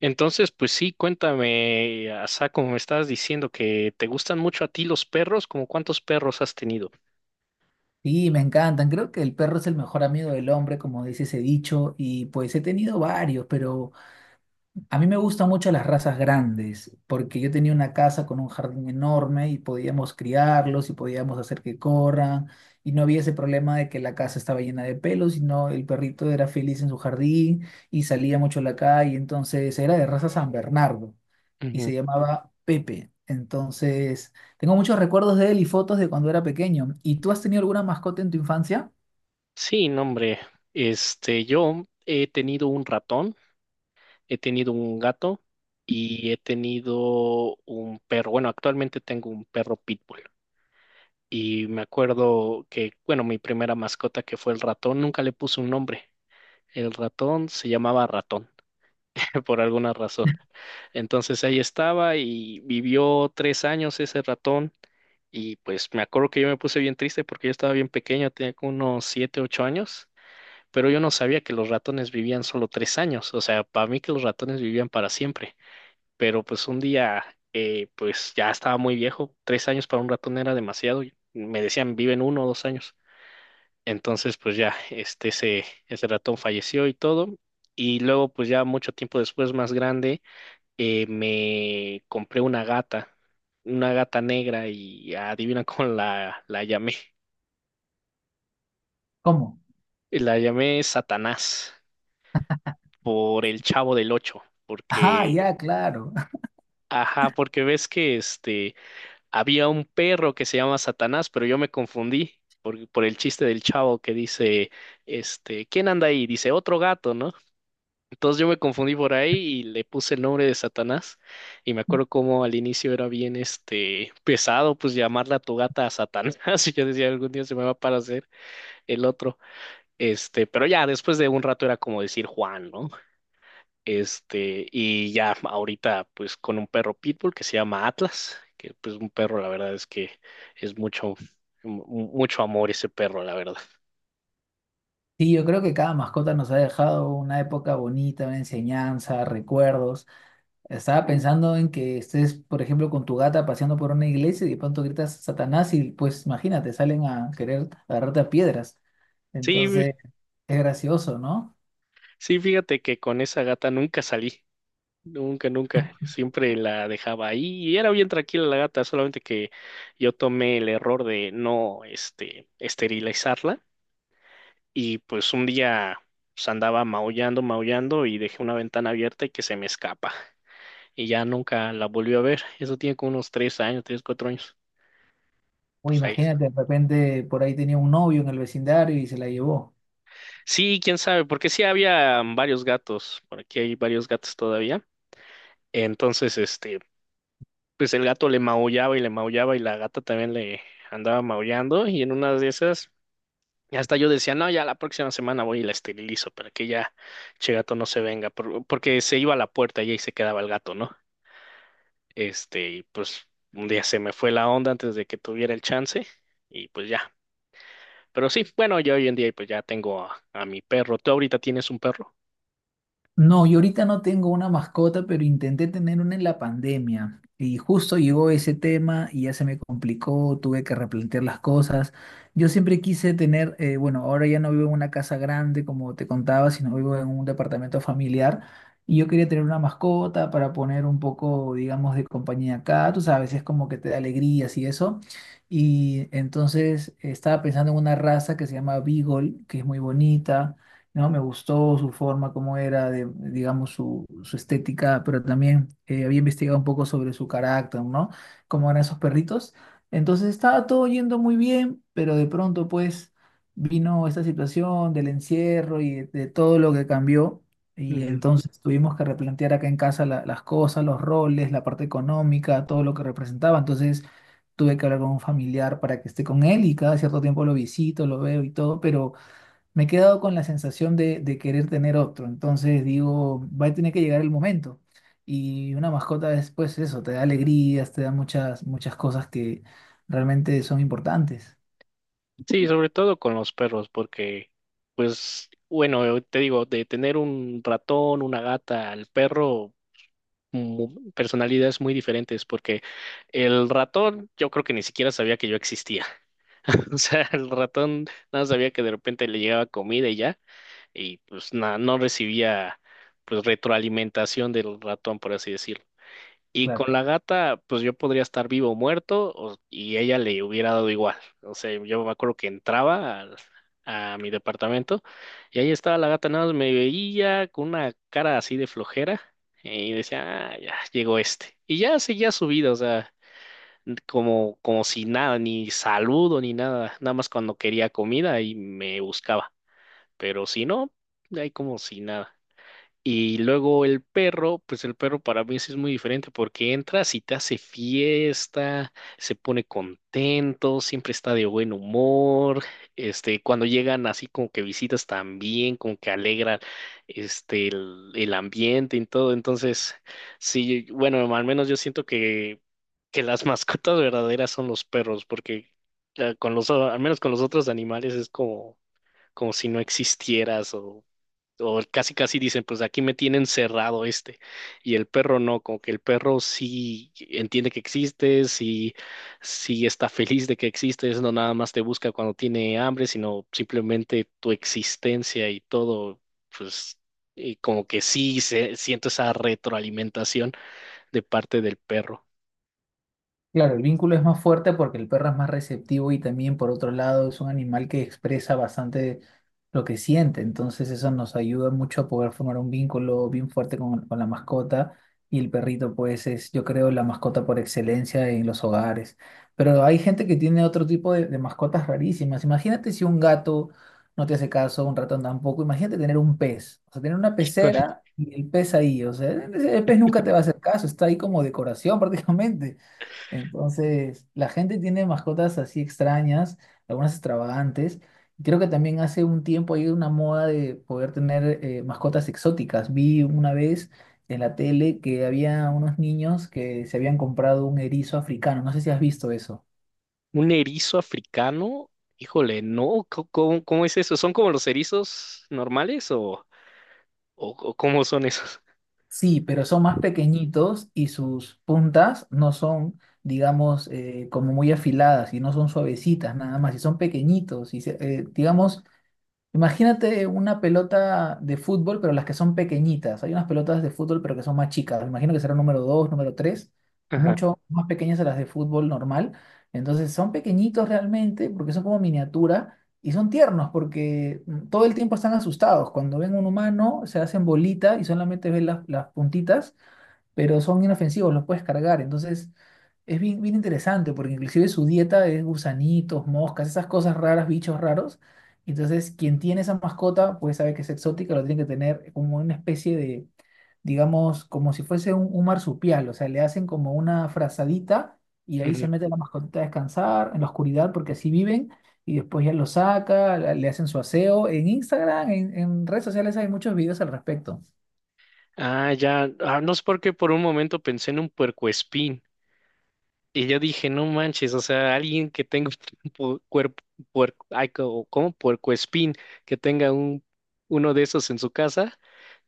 Entonces, pues sí, cuéntame, Asa, como me estabas diciendo que te gustan mucho a ti los perros, ¿como cuántos perros has tenido? Sí, me encantan. Creo que el perro es el mejor amigo del hombre, como dice ese dicho, y pues he tenido varios, pero a mí me gustan mucho las razas grandes, porque yo tenía una casa con un jardín enorme y podíamos criarlos y podíamos hacer que corran, y no había ese problema de que la casa estaba llena de pelos, sino el perrito era feliz en su jardín y salía mucho a la calle, entonces era de raza San Bernardo y Ujú. se llamaba Pepe. Entonces, tengo muchos recuerdos de él y fotos de cuando era pequeño. ¿Y tú has tenido alguna mascota en tu infancia? Sí, no, hombre, yo he tenido un ratón, he tenido un gato y he tenido un perro. Bueno, actualmente tengo un perro pitbull y me acuerdo que, bueno, mi primera mascota que fue el ratón, nunca le puse un nombre. El ratón se llamaba ratón por alguna razón. Entonces ahí estaba y vivió 3 años ese ratón y pues me acuerdo que yo me puse bien triste porque yo estaba bien pequeño, tenía como unos 7, 8 años, pero yo no sabía que los ratones vivían solo 3 años, o sea, para mí que los ratones vivían para siempre, pero pues un día pues ya estaba muy viejo, 3 años para un ratón era demasiado, y me decían viven 1 o 2 años, entonces pues ya ese ratón falleció y todo. Y luego, pues ya mucho tiempo después, más grande, me compré una gata negra y adivina cómo la llamé. ¿Cómo? La llamé Satanás por el Chavo del Ocho, Ah, porque, ya, claro. ajá, porque ves que había un perro que se llama Satanás, pero yo me confundí por el chiste del chavo que dice, ¿quién anda ahí? Dice, otro gato, ¿no? Entonces yo me confundí por ahí y le puse el nombre de Satanás. Y me acuerdo cómo al inicio era bien pesado, pues llamarla a tu gata a Satanás. Y yo decía, algún día se me va para hacer el otro. Pero ya después de un rato era como decir Juan, ¿no? Y ya ahorita, pues con un perro pitbull que se llama Atlas, que pues un perro, la verdad es que es mu- mucho amor ese perro, la verdad. Sí, yo creo que cada mascota nos ha dejado una época bonita, una enseñanza, recuerdos. Estaba pensando en que estés, por ejemplo, con tu gata paseando por una iglesia y de pronto gritas Satanás y pues imagínate, salen a querer agarrarte a piedras. Sí, Entonces, es gracioso, ¿no? sí, fíjate que con esa gata nunca salí. Nunca, nunca. Siempre la dejaba ahí y era bien tranquila la gata, solamente que yo tomé el error de no, esterilizarla y pues un día pues, andaba maullando, maullando y dejé una ventana abierta y que se me escapa y ya nunca la volví a ver. Eso tiene como unos 3 años, 3, 4 años. O Pues ahí. imagínate, de repente por ahí tenía un novio en el vecindario y se la llevó. Sí, quién sabe, porque sí había varios gatos, por aquí hay varios gatos todavía. Entonces, pues el gato le maullaba y la gata también le andaba maullando y en una de esas hasta yo decía, no, ya la próxima semana voy y la esterilizo para que ya che gato no se venga, porque se iba a la puerta y ahí se quedaba el gato, ¿no? Y pues un día se me fue la onda antes de que tuviera el chance y pues ya. Pero sí, bueno, yo hoy en día pues ya tengo a mi perro. ¿Tú ahorita tienes un perro? No, yo ahorita no tengo una mascota, pero intenté tener una en la pandemia. Y justo llegó ese tema y ya se me complicó, tuve que replantear las cosas. Yo siempre quise tener, bueno, ahora ya no vivo en una casa grande, como te contaba, sino vivo en un departamento familiar. Y yo quería tener una mascota para poner un poco, digamos, de compañía acá. Tú sabes, es como que te da alegrías y eso. Y entonces estaba pensando en una raza que se llama Beagle, que es muy bonita, ¿no? Me gustó su forma, cómo era, de, digamos, su estética, pero también había investigado un poco sobre su carácter, ¿no? Cómo eran esos perritos. Entonces estaba todo yendo muy bien, pero de pronto, pues, vino esta situación del encierro y de todo lo que cambió. Y entonces tuvimos que replantear acá en casa las cosas, los roles, la parte económica, todo lo que representaba. Entonces tuve que hablar con un familiar para que esté con él y cada cierto tiempo lo visito, lo veo y todo, pero me he quedado con la sensación de querer tener otro. Entonces digo, va a tener que llegar el momento. Y una mascota después eso, te da alegrías, te da muchas, muchas cosas que realmente son importantes. Sí, sobre todo con los perros, porque, pues, bueno, te digo, de tener un ratón, una gata al perro, personalidades muy diferentes, porque el ratón yo creo que ni siquiera sabía que yo existía. O sea, el ratón nada sabía que de repente le llegaba comida y ya, y pues nada, no recibía pues retroalimentación del ratón, por así decirlo. Y con la gata, pues yo podría estar vivo o muerto y ella le hubiera dado igual. O sea, yo me acuerdo que entraba a mi departamento y ahí estaba la gata, nada más me veía con una cara así de flojera y decía, ah, ya llegó este. Y ya seguía su vida, o sea, como si nada, ni saludo ni nada, nada más cuando quería comida y me buscaba. Pero si no, ahí como si nada. Y luego el perro, pues el perro para mí sí es muy diferente porque entra, si te hace fiesta, se pone contento, siempre está de buen humor, cuando llegan así como que visitas también, como que alegran, el ambiente y todo. Entonces, sí, bueno, al menos yo siento que las mascotas verdaderas son los perros porque con los, al menos con los otros animales es como si no existieras o casi casi dicen, pues aquí me tienen cerrado y el perro no, como que el perro sí entiende que existes, sí, sí está feliz de que existes, no nada más te busca cuando tiene hambre, sino simplemente tu existencia y todo, pues y como que sí siento esa retroalimentación de parte del perro. Claro, el vínculo es más fuerte porque el perro es más receptivo y también por otro lado es un animal que expresa bastante lo que siente, entonces eso nos ayuda mucho a poder formar un vínculo bien fuerte con la mascota y el perrito pues es yo creo la mascota por excelencia en los hogares, pero hay gente que tiene otro tipo de mascotas rarísimas, imagínate si un gato no te hace caso, un ratón tampoco, imagínate tener un pez, o sea, tener una Híjole. pecera y el pez ahí, o sea, el pez nunca te va a hacer caso, está ahí como decoración prácticamente. Entonces, la gente tiene mascotas así extrañas, algunas extravagantes. Creo que también hace un tiempo hay una moda de poder tener mascotas exóticas. Vi una vez en la tele que había unos niños que se habían comprado un erizo africano. No sé si has visto eso. Un erizo africano, híjole, no, ¿cómo es eso? ¿Son como los erizos normales o, o cómo son esos? Sí, pero son más pequeñitos y sus puntas no son, digamos, como muy afiladas y no son suavecitas nada más, y son pequeñitos. Digamos, imagínate una pelota de fútbol, pero las que son pequeñitas. Hay unas pelotas de fútbol, pero que son más chicas. Me imagino que será número 2, número 3, Ajá. mucho más pequeñas a las de fútbol normal. Entonces son pequeñitos realmente porque son como miniatura y son tiernos porque todo el tiempo están asustados. Cuando ven un humano se hacen bolita y solamente ven las puntitas, pero son inofensivos, los puedes cargar. Entonces, es bien, bien interesante porque inclusive su dieta es gusanitos, moscas, esas cosas raras, bichos raros. Entonces, quien tiene esa mascota, pues sabe que es exótica, lo tiene que tener como una especie de, digamos, como si fuese un marsupial, o sea, le hacen como una frazadita y ahí se mete la mascotita a descansar en la oscuridad porque así viven y después ya lo saca, le hacen su aseo. En Instagram, en redes sociales hay muchos videos al respecto. Ah, ya, ah, no es porque por un momento pensé en un puercoespín y yo dije, no manches, o sea, alguien que tenga un cuerpo, puerco, ay, ¿cómo? Puercoespín, que tenga uno de esos en su casa,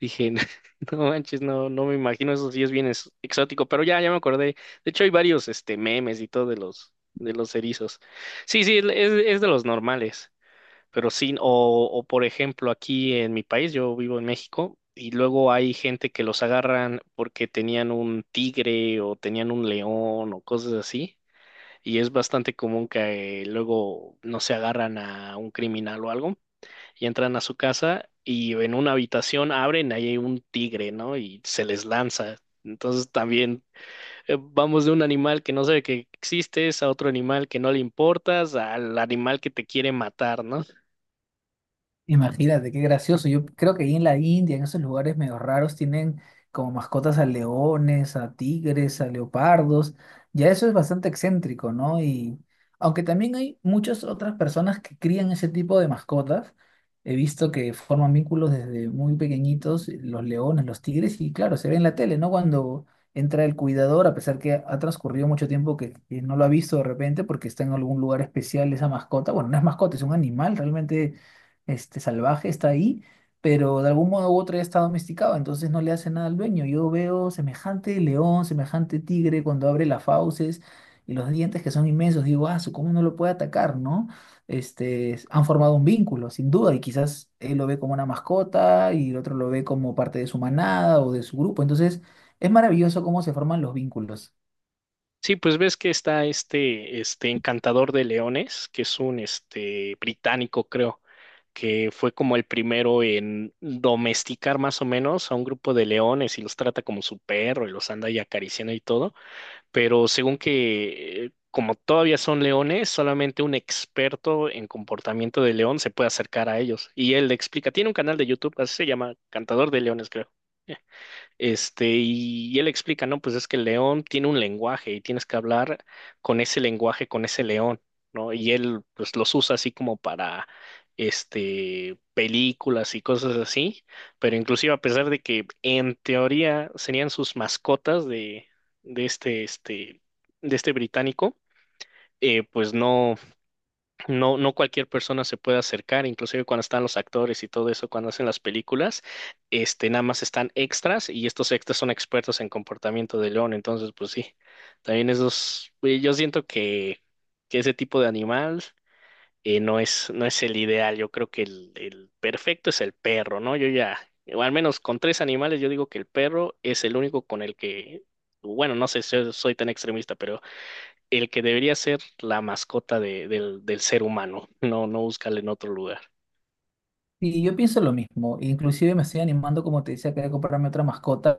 dije, no manches, no, no me imagino, eso sí es bien exótico, pero ya, ya me acordé, de hecho hay varios, memes y todo de los erizos, sí, sí, es de los normales, pero sí, o por ejemplo, aquí en mi país, yo vivo en México, y luego hay gente que los agarran porque tenían un tigre o tenían un león o cosas así. Y es bastante común que luego no se agarran a un criminal o algo y entran a su casa y en una habitación abren, ahí hay un tigre, ¿no? Y se les lanza. Entonces también vamos de un animal que no sabe que existes a otro animal que no le importas, al animal que te quiere matar, ¿no? Imagínate, qué gracioso. Yo creo que ahí en la India, en esos lugares medio raros, tienen como mascotas a leones, a tigres, a leopardos. Ya eso es bastante excéntrico, ¿no? Y aunque también hay muchas otras personas que crían ese tipo de mascotas, he visto que forman vínculos desde muy pequeñitos, los leones, los tigres, y claro, se ve en la tele, ¿no? Cuando entra el cuidador, a pesar que ha transcurrido mucho tiempo que no lo ha visto de repente porque está en algún lugar especial esa mascota. Bueno, no es mascota, es un animal realmente salvaje, está ahí, pero de algún modo u otro ya está domesticado, entonces no le hace nada al dueño. Yo veo semejante león, semejante tigre cuando abre las fauces y los dientes que son inmensos, digo, ah, su, ¿cómo no lo puede atacar, no? Han formado un vínculo, sin duda, y quizás él lo ve como una mascota y el otro lo ve como parte de su manada o de su grupo, entonces es maravilloso cómo se forman los vínculos. Sí, pues ves que está este encantador de leones, que es un británico, creo, que fue como el primero en domesticar más o menos a un grupo de leones y los trata como su perro y los anda ahí acariciando y todo. Pero según que como todavía son leones, solamente un experto en comportamiento de león se puede acercar a ellos. Y él le explica, tiene un canal de YouTube, así se llama, Cantador de Leones, creo. Y él explica, no, pues es que el león tiene un lenguaje y tienes que hablar con ese lenguaje, con ese león, ¿no? Y él, pues, los usa así como para, películas y cosas así, pero inclusive a pesar de que en teoría serían sus mascotas de este, este, de este británico, pues no. No, no cualquier persona se puede acercar, inclusive cuando están los actores y todo eso, cuando hacen las películas, nada más están extras y estos extras son expertos en comportamiento de león, entonces pues sí, también esos, yo siento que ese tipo de animal no es, no es el ideal, yo creo que el perfecto es el perro, ¿no? Yo ya, o al menos con tres animales, yo digo que el perro es el único con el que, bueno, no sé si soy tan extremista, pero el que debería ser la mascota del ser humano, no, no buscarle en otro lugar. Y yo pienso lo mismo, inclusive me estoy animando, como te decía, que voy a comprarme otra mascota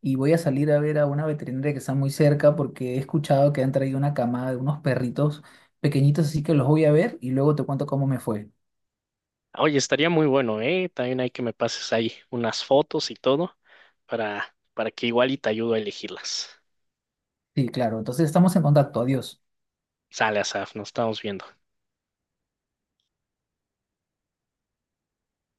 y voy a salir a ver a una veterinaria que está muy cerca porque he escuchado que han traído una camada de unos perritos pequeñitos, así que los voy a ver y luego te cuento cómo me fue. Oye, estaría muy bueno, ¿eh? También hay que me pases ahí unas fotos y todo para que igual y te ayudo a elegirlas. Sí, claro, entonces estamos en contacto, adiós. Sale, Asaf, nos estamos viendo.